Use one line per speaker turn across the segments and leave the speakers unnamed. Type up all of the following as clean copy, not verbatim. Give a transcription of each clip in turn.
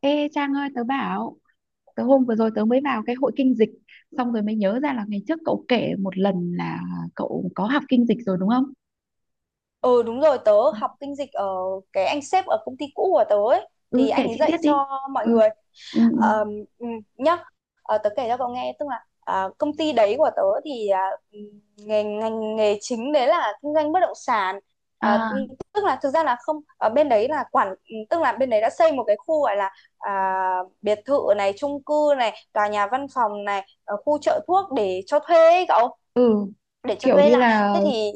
Ê Trang ơi, tớ bảo. Tớ hôm vừa rồi tớ mới vào cái hội kinh dịch. Xong rồi mới nhớ ra là ngày trước cậu kể một lần là cậu có học kinh dịch rồi, đúng không?
Ừ, đúng rồi, tớ học kinh dịch ở cái anh sếp ở công ty cũ của tớ ấy, thì
Ừ, kể
anh ấy
chi tiết
dạy
đi.
cho mọi
Ừ.
người.
Ừ ừ.
Ờm, ừ, Nhá. Tớ kể cho cậu nghe, tức là công ty đấy của tớ thì, ừ, ngành nghề chính đấy là kinh doanh bất động sản. À,
À,
ừ, Tức là thực ra là không, ở bên đấy là quản, tức là bên đấy đã xây một cái khu, gọi là à, biệt thự này, chung cư này, tòa nhà văn phòng này, khu chợ thuốc để cho thuê ấy cậu,
ừ,
để cho
kiểu
thuê
như
lại,
là
thế thì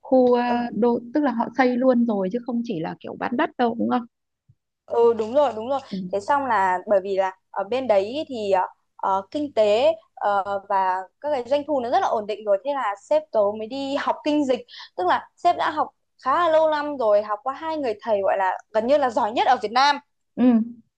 khu
ừ,
đô. Tức là họ xây luôn rồi chứ không chỉ là kiểu bán đất đâu, đúng không?
ừ, đúng rồi, đúng rồi.
Ừ.
Thế xong là bởi vì là ở bên đấy ý thì kinh tế và các cái doanh thu nó rất là ổn định rồi, thế là sếp tớ mới đi học kinh dịch. Tức là sếp đã học khá là lâu năm rồi, học qua hai người thầy gọi là gần như là giỏi nhất ở Việt Nam,
Ừ.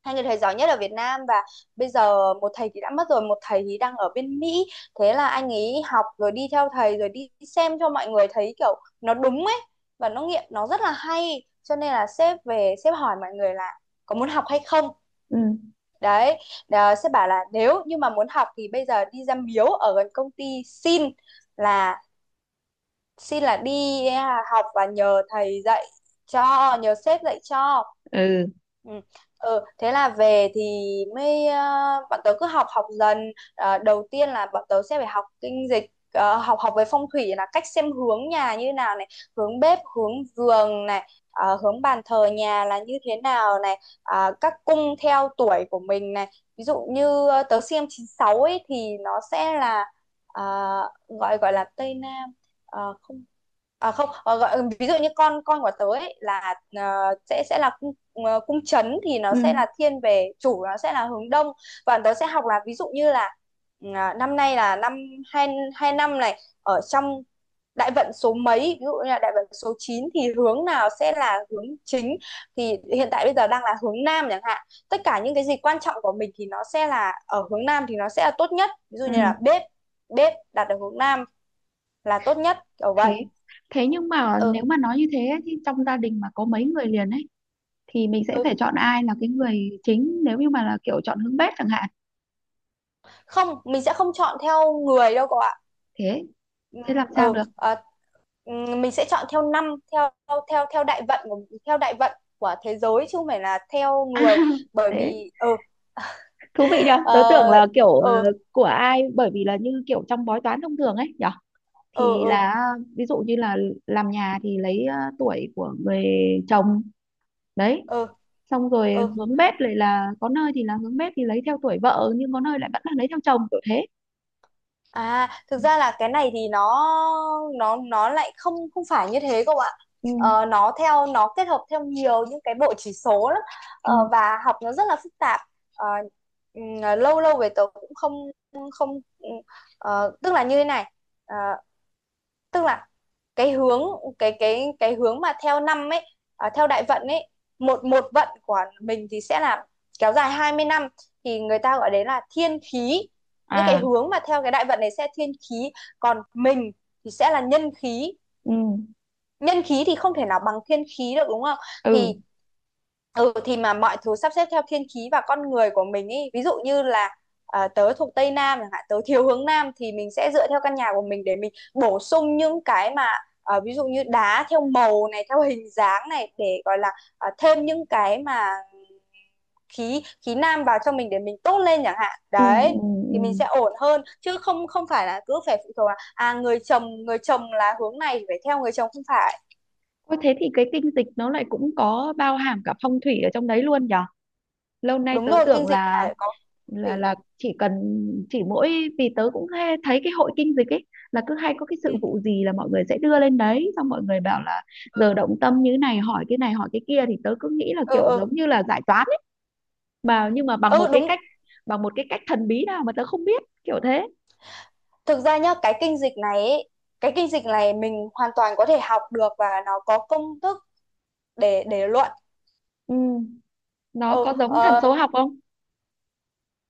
hai người thầy giỏi nhất ở Việt Nam, và bây giờ một thầy thì đã mất rồi, một thầy thì đang ở bên Mỹ. Thế là anh ấy học rồi đi theo thầy, rồi đi xem cho mọi người thấy kiểu nó đúng ấy, và nó nghiệm nó rất là hay, cho nên là sếp về sếp hỏi mọi người là có muốn học hay không,
Ừ.
đấy. Sếp bảo là nếu như mà muốn học thì bây giờ đi ra miếu ở gần công ty xin là, đi học và nhờ thầy dạy cho, nhờ sếp dạy cho.
Ừ.
Ừ. Ừ, thế là về thì mới bọn tớ cứ học, dần. Ờ, Đầu tiên là bọn tớ sẽ phải học kinh dịch, học, về phong thủy là cách xem hướng nhà như nào này, hướng bếp hướng giường này, hướng bàn thờ nhà là như thế nào này, các cung theo tuổi của mình này. Ví dụ như tớ xem chín sáu ấy thì nó sẽ là ờ, gọi, gọi là Tây Nam. Không, không, gọi, ví dụ như con của tớ ấy là sẽ, là cung, cung trấn thì nó
Ừ.
sẽ là thiên về chủ, nó sẽ là hướng đông. Và tớ sẽ học là ví dụ như là, năm nay là năm hai hai, năm này ở trong đại vận số mấy, ví dụ như là đại vận số 9 thì hướng nào sẽ là hướng chính, thì hiện tại bây giờ đang là hướng nam chẳng hạn. Tất cả những cái gì quan trọng của mình thì nó sẽ là ở hướng nam, thì nó sẽ là tốt nhất, ví dụ như là
Ừ.
bếp bếp đặt ở hướng nam là tốt nhất, kiểu vậy.
Thế Thế nhưng mà
Ừ.
nếu mà nói như thế ấy, thì trong gia đình mà có mấy
Ừ.
người liền ấy, thì mình sẽ
Ừ.
phải chọn ai là cái người chính nếu như mà là kiểu chọn hướng bếp chẳng hạn.
Không, mình sẽ không chọn theo người đâu cậu ạ.
Thế thế làm
Ừm,
sao
ừ
được?
à, mình sẽ chọn theo năm, theo, đại vận của, theo đại vận của thế giới, chứ không phải là theo
À,
người. Bởi
thế
vì. Ừ
thú vị nhờ. Tớ
ờ
tưởng là kiểu
ờ
của ai, bởi vì là như kiểu trong bói toán thông thường ấy nhở.
ờ
Thì
ờ
là ví dụ như là làm nhà thì lấy tuổi của người chồng đấy.
ờ
Xong rồi
ờ
hướng bếp lại là có nơi thì là hướng bếp thì lấy theo tuổi vợ, nhưng có nơi lại vẫn là lấy theo chồng kiểu thế.
À, thực ra là cái này thì nó, nó lại không, phải như thế cậu ạ.
Ừ,
Nó theo, nó kết hợp theo nhiều những cái bộ chỉ số lắm.
ừ.
Và học nó rất là phức tạp. Ờ, Lâu lâu về tớ cũng không, không ừm, tức là như thế này. Ờ, Tức là cái hướng, cái hướng mà theo năm ấy, theo đại vận ấy, một một vận của mình thì sẽ là kéo dài 20 năm, thì người ta gọi đấy là thiên khí. Những cái
À,
hướng mà theo cái đại vận này sẽ thiên khí, còn mình thì sẽ là nhân khí.
ừ,
Nhân khí thì không thể nào bằng thiên khí được, đúng không? Thì,
ừ,
Thì mà mọi thứ sắp xếp theo thiên khí và con người của mình ý. Ví dụ như là tớ thuộc Tây Nam chẳng hạn, tớ thiếu hướng Nam, thì mình sẽ dựa theo căn nhà của mình để mình bổ sung những cái mà, ví dụ như đá theo màu này, theo hình dáng này, để gọi là thêm những cái mà khí, nam vào cho mình để mình tốt lên chẳng hạn.
ừ,
Đấy,
ừ.
thì mình
Ừ.
sẽ ổn hơn, chứ không, phải là cứ phải phụ thuộc là người chồng, là hướng này thì phải theo người chồng, không phải.
Ôi thế thì cái kinh dịch nó lại cũng có bao hàm cả phong thủy ở trong đấy luôn nhở? Lâu nay
Đúng
tớ
rồi,
tưởng
kinh dịch
là
phải có
là
thủy.
là chỉ mỗi vì tớ cũng hay thấy cái hội kinh dịch ấy là cứ hay có cái
Ừ.
sự vụ gì là mọi người sẽ đưa lên đấy, xong mọi người bảo là
Ừ.
giờ động tâm như này hỏi cái kia thì tớ cứ nghĩ là
Ừ.
kiểu
Ừ.
giống như là giải toán ấy, mà nhưng mà
Ừ, đúng.
bằng một cái cách thần bí nào mà tớ không biết kiểu thế.
Thực ra nhá, cái kinh dịch này ấy, cái kinh dịch này mình hoàn toàn có thể học được và nó có công thức để, luận.
Ừ. Nó
Ừ,
có giống thần số học không?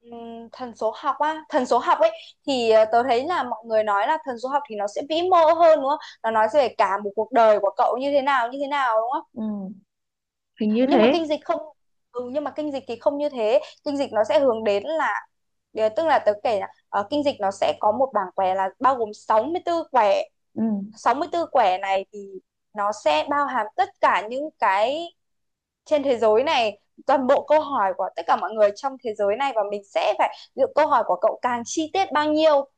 thần số học á, thần số học ấy thì tớ thấy là mọi người nói là thần số học thì nó sẽ vĩ mô hơn, đúng không? Nó nói về cả một cuộc đời của cậu như thế nào, như thế nào, đúng không?
Ừ. Hình như
Nhưng mà
thế.
kinh dịch không, nhưng mà kinh dịch thì không như thế, kinh dịch nó sẽ hướng đến là, tức là tớ kể là kinh dịch nó sẽ có một bảng quẻ là bao gồm 64 quẻ,
Ừ.
64 quẻ này thì nó sẽ bao hàm tất cả những cái trên thế giới này, toàn bộ câu hỏi của tất cả mọi người trong thế giới này, và mình sẽ phải lựa câu hỏi của cậu càng chi tiết bao nhiêu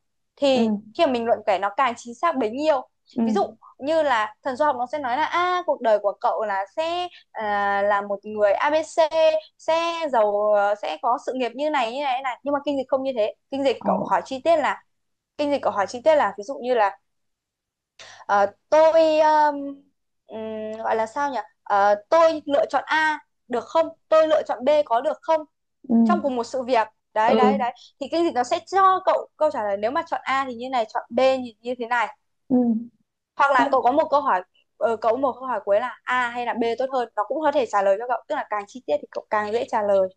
Ừ.
thì khi mà mình luận kể nó càng chính xác bấy nhiêu.
Ừ.
Ví dụ như là thần số học nó sẽ nói là, a, cuộc đời của cậu là sẽ, là một người a ABC, sẽ giàu, sẽ có sự nghiệp như này, như này, như này, nhưng mà kinh dịch không như thế. Kinh dịch
Ờ.
cậu hỏi chi tiết là, kinh dịch cậu hỏi chi tiết là ví dụ như là, Ờ, tôi, gọi là sao nhỉ? Tôi lựa chọn A được không? Tôi lựa chọn B có được không?
Ừ.
Trong cùng một sự việc. Đấy,
Ừ
đấy, đấy. Thì cái gì nó sẽ cho cậu câu trả lời, nếu mà chọn A thì như này, chọn B như, như thế này.
ừ.
Hoặc là cậu
Không.
có một câu hỏi, cậu có một câu hỏi cuối là A hay là B tốt hơn, nó cũng có thể trả lời cho cậu, tức là càng chi tiết thì cậu càng dễ trả lời.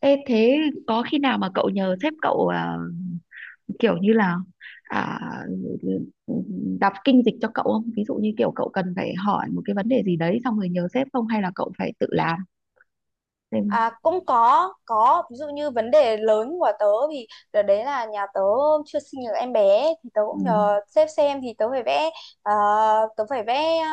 Ê, thế có khi nào mà cậu nhờ sếp cậu à, kiểu như là, à, đọc kinh dịch cho cậu không, ví dụ như kiểu cậu cần phải hỏi một cái vấn đề gì đấy xong rồi nhờ sếp, không hay là cậu phải tự làm? Nên-
À, cũng có, ví dụ như vấn đề lớn của tớ thì đợt đấy là nhà tớ chưa sinh được em bé, thì tớ
ừ,
cũng nhờ sếp xem, thì tớ phải vẽ, ờ, tớ phải vẽ,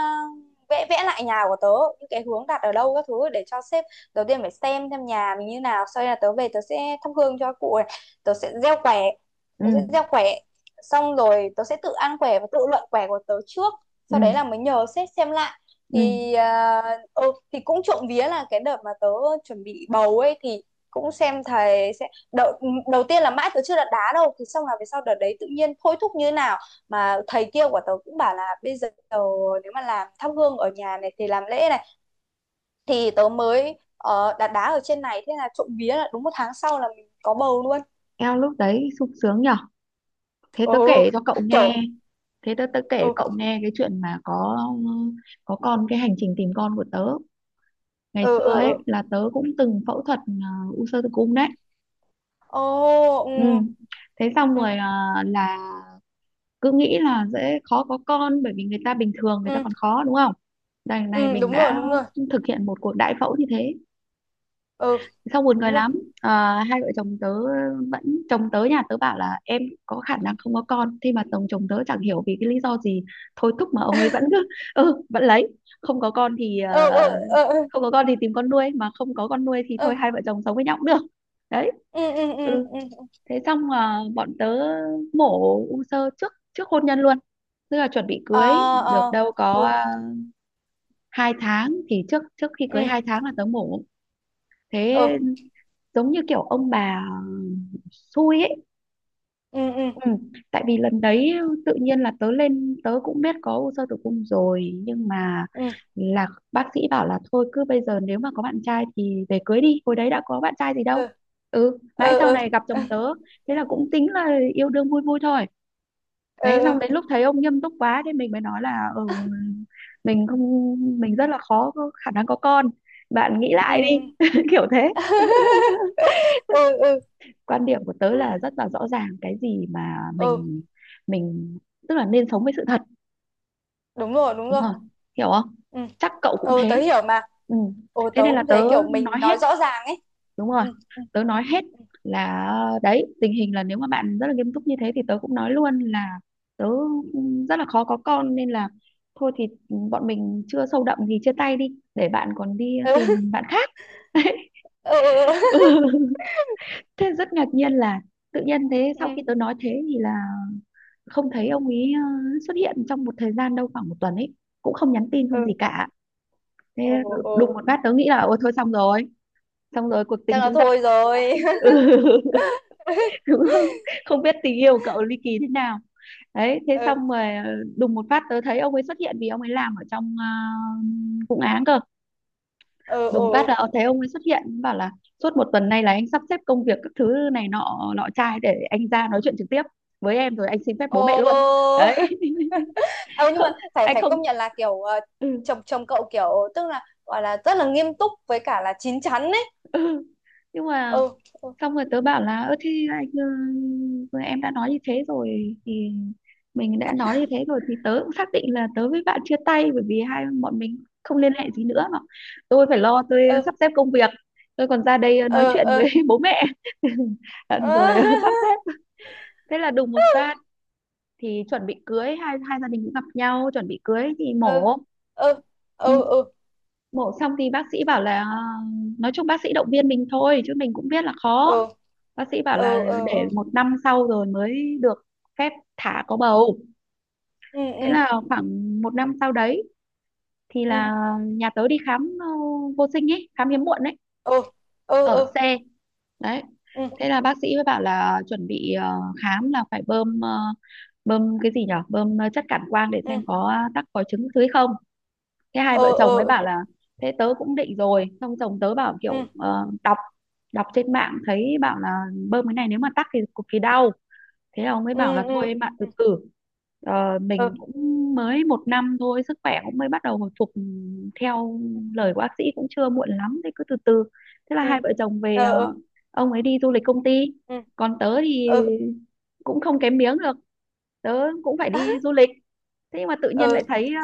vẽ, lại nhà của tớ, những cái hướng đặt ở đâu các thứ để cho sếp, đầu tiên phải xem nhà mình như nào. Sau đây là tớ về, tớ sẽ thắp hương cho cụ này, tớ sẽ gieo quẻ,
ừ,
tớ sẽ gieo quẻ xong rồi tớ sẽ tự ăn quẻ và tự luận quẻ của tớ trước,
ừ,
sau đấy là mới nhờ sếp xem lại
ừ.
thì, thì cũng trộm vía là cái đợt mà tớ chuẩn bị bầu ấy thì cũng xem thầy sẽ, đầu tiên là mãi tớ chưa đặt đá đâu, thì xong là về sau đợt đấy tự nhiên thôi thúc như thế nào mà thầy kia của tớ cũng bảo là bây giờ, nếu mà làm thắp hương ở nhà này thì làm lễ này, thì tớ mới đặt đá ở trên này, thế là trộm vía là đúng một tháng sau là mình có bầu luôn.
Eo lúc đấy sung sướng nhở. Thế
Ừ,
tớ kể cho cậu
kiểu.
nghe, thế tớ tớ kể
Ừ.
cậu nghe cái chuyện mà có con, cái hành trình tìm con của tớ. Ngày
Ừ.
xưa
Ừ.
ấy
Ừ.
là tớ cũng từng phẫu thuật, à, u xơ tử cung đấy.
Ồ. Ừ.
Ừ. Thế xong
Ừ.
rồi là cứ nghĩ là dễ khó có con bởi vì người ta bình thường người ta
Ừ.
còn khó, đúng không? Đằng này
Ừ,
mình
đúng rồi,
đã
đúng rồi.
thực hiện một cuộc đại phẫu như thế.
Ừ,
Xong buồn cười
đúng rồi.
lắm. Ờ, hai vợ chồng tớ vẫn Chồng tớ, nhà tớ bảo là em có khả năng không có con, thế mà chồng chồng tớ chẳng hiểu vì cái lý do gì thôi thúc mà ông ấy vẫn cứ ừ vẫn lấy. Không có con thì ờ,
Ừ. Ừ. Ừ. Ừ.
Không có con thì tìm con nuôi, mà không có con nuôi thì
Ừ.
thôi hai vợ chồng sống với nhau cũng được. Đấy.
Ừ. Ừ. Ừ.
Ừ,
Ừ.
thế xong à, bọn tớ mổ u xơ trước trước hôn nhân luôn, tức là chuẩn bị
Ờ.
cưới được
Ờ.
đâu có
Ừ.
à, 2 tháng. Thì trước trước khi cưới
Ừ.
2 tháng là tớ mổ. Thế
Ừ.
giống như kiểu ông bà xui ấy.
Ừ. Ừ.
Ừ. Tại vì lần đấy tự nhiên là tớ lên, tớ cũng biết có u xơ tử cung rồi nhưng mà
Ừ.
là bác sĩ bảo là thôi cứ bây giờ nếu mà có bạn trai thì về cưới đi, hồi đấy đã có bạn trai gì đâu. Ừ, mãi
Ừ. Ừ.
sau
Ừ.
này gặp chồng tớ, thế là cũng tính là yêu đương vui vui thôi.
Ừ.
Đấy
Ừ. Ừ.
xong đến lúc thấy ông nghiêm túc quá thì mình mới nói là ừ, mình không mình rất là khó có khả năng có con, bạn nghĩ
Ừ.
lại đi kiểu thế.
Ừ. Ừ. Ừ.
Quan điểm của tớ là rất là rõ ràng, cái gì mà
Ừ.
mình tức là nên sống với sự thật.
Đúng rồi, đúng
Đúng
rồi.
không? Hiểu không?
Ừ.
Chắc cậu cũng
Ừ,
thế.
tớ hiểu mà.
Ừ.
Ừ, tớ
Thế nên là
cũng
tớ
thế, kiểu mình
nói hết.
nói rõ ràng ấy.
Đúng rồi.
Ừ.
Tớ nói hết là đấy, tình hình là nếu mà bạn rất là nghiêm túc như thế thì tớ cũng nói luôn là tớ rất là khó có con, nên là thôi thì bọn mình chưa sâu đậm thì chia tay đi để bạn còn đi
Ừ.
tìm bạn khác.
Ừ. Ừ. Ừ.
Ừ. Thế rất ngạc nhiên là tự nhiên thế sau
Ừ.
khi tớ nói thế thì là không
Ừ.
thấy ông ấy xuất hiện trong một thời gian, đâu khoảng một tuần ấy, cũng không nhắn tin không gì
Ừ.
cả. Thế
Ừ. Ừ.
đùng một phát tớ nghĩ là ôi thôi xong rồi, xong rồi cuộc
Chắc
tình
là
chúng ta
thôi
ra từ
rồi.
đây đúng không? Không biết tình yêu của cậu ly kỳ thế nào. Đấy thế
Ừ.
xong rồi, đùng một phát tớ thấy ông ấy xuất hiện vì ông ấy làm ở trong, vụ án cơ.
Ừ.
Đùng
Ừ.
phát
Ừ.
là thấy ông ấy xuất hiện bảo là suốt một tuần nay là anh sắp xếp công việc các thứ này nọ nọ trai để anh ra nói chuyện trực tiếp với em, rồi anh xin phép bố mẹ luôn.
Ồ.
Đấy.
Ừ, nhưng mà
Không-
phải
anh
phải
không.
công nhận là kiểu
Ừ,
chồng chồng cậu kiểu, tức là gọi là rất là nghiêm túc với cả là chín chắn ấy.
ừ. Nhưng mà
Ừ. Ừ.
xong rồi tớ bảo là ơ thế anh ừ, vừa em đã nói như thế rồi thì mình đã nói như thế rồi thì tớ cũng xác định là tớ với bạn chia tay, bởi vì hai bọn mình không liên hệ gì nữa mà. Tôi phải lo, tôi
Ừ.
sắp xếp công việc, tôi còn ra đây nói
Ừ. Ừ.
chuyện với
Ừ.
bố mẹ
Ừ.
rồi sắp xếp. Thế là đùng một phát thì chuẩn bị cưới, hai hai gia đình cũng gặp nhau chuẩn bị cưới thì mổ.
Ừ. Ừ.
Ừ,
Ừ.
mổ xong thì bác sĩ bảo là nói chung bác sĩ động viên mình thôi chứ mình cũng biết là khó.
Ừ.
Bác sĩ bảo là
Ừ. Ừ. Ừ.
để một năm sau rồi mới được phép thả có bầu.
Ừ. Ừ.
Thế
Ừ.
là khoảng một năm sau đấy thì
Ừ. Ừ.
là nhà tớ đi khám, vô sinh ấy, khám hiếm muộn ấy,
Ừ. Ừ. Ừ. Ừ. Ừ. Ừ. Ừ. Ừ. Ừ. Ừ. Ừ. Ừ.
ở
Ừ.
xe đấy.
Ừ.
Thế là bác sĩ mới bảo là chuẩn bị, khám là phải bơm, bơm cái gì nhở, bơm chất cản quang để xem có tắc, có trứng dưới không. Thế hai vợ chồng ấy bảo là thế tớ cũng định rồi, xong chồng tớ bảo kiểu đọc đọc trên mạng thấy bảo là bơm cái này nếu mà tắc thì cực kỳ đau. Thế là ông ấy bảo là thôi em ạ, từ từ. Mình cũng mới một năm thôi, sức khỏe cũng mới bắt đầu hồi phục, theo lời của bác sĩ cũng chưa muộn lắm, thế cứ từ từ. Thế là hai vợ chồng về, ông ấy đi du lịch công ty, còn tớ thì
Ừ. Ừ.
cũng không kém miếng được, tớ cũng phải đi du lịch. Thế nhưng mà tự nhiên lại
Ừ.
thấy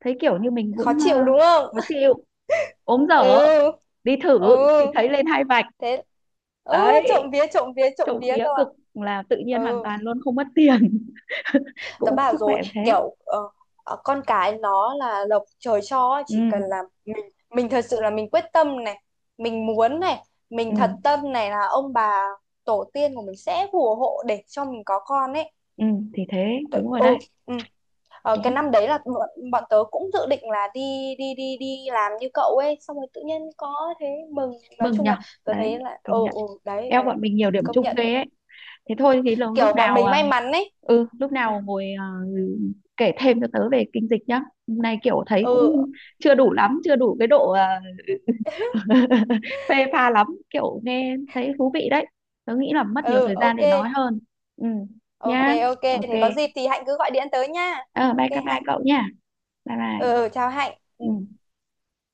thấy kiểu như mình cũng
Khó chịu đúng không?
khó chịu, ốm dở,
Ừ.
đi thử
Ừ.
thì thấy lên hai vạch.
Thế. Ừ,
Đấy,
trộm vía, trộm vía, trộm
trộm
vía
vía
cơ ạ.
cực, là tự nhiên hoàn
Ừ,
toàn luôn, không mất tiền
tớ
cũng
bảo
sức khỏe
rồi
cũng thế.
kiểu con cái nó là lộc trời cho ấy,
Ừ
chỉ cần là mình, thật sự là mình quyết tâm này, mình muốn này, mình
ừ
thật tâm này là ông bà tổ tiên của mình sẽ phù hộ để cho mình có con ấy.
ừ. Thì thế
Tớ-
đúng rồi
ừ,
đấy.
ừ. Cái
Đấy,
năm đấy là bọn, tớ cũng dự định là đi, đi đi đi làm như cậu ấy, xong rồi tự nhiên có, thế mừng. Nói
mừng
chung
nhở,
là tớ thấy
đấy
là,
công nhận,
đấy,
eo
đấy.
bọn mình
Ừ,
nhiều điểm
công
chung
nhận,
ghê ấy. Thế thôi thì
kiểu bọn mình may mắn ấy.
ừ, lúc
Ừ,
nào ngồi à, kể thêm cho tớ về kinh dịch nhá. Hôm nay kiểu thấy
ừ. Ừ.
cũng chưa đủ lắm, chưa đủ cái độ à, phê pha lắm, kiểu nghe thấy thú vị đấy. Tớ nghĩ là mất nhiều
Ừ.
thời gian
Ok.
để nói hơn. Ừ,
Ok,
nhá.
ok
Ok.
thì có dịp thì Hạnh cứ gọi điện tới nha.
Ờ Bye bye
Ok
bye
Hạnh.
cậu nha. Bye bye.
Ừ, ừ, chào Hạnh.
Ừ.
Ừ.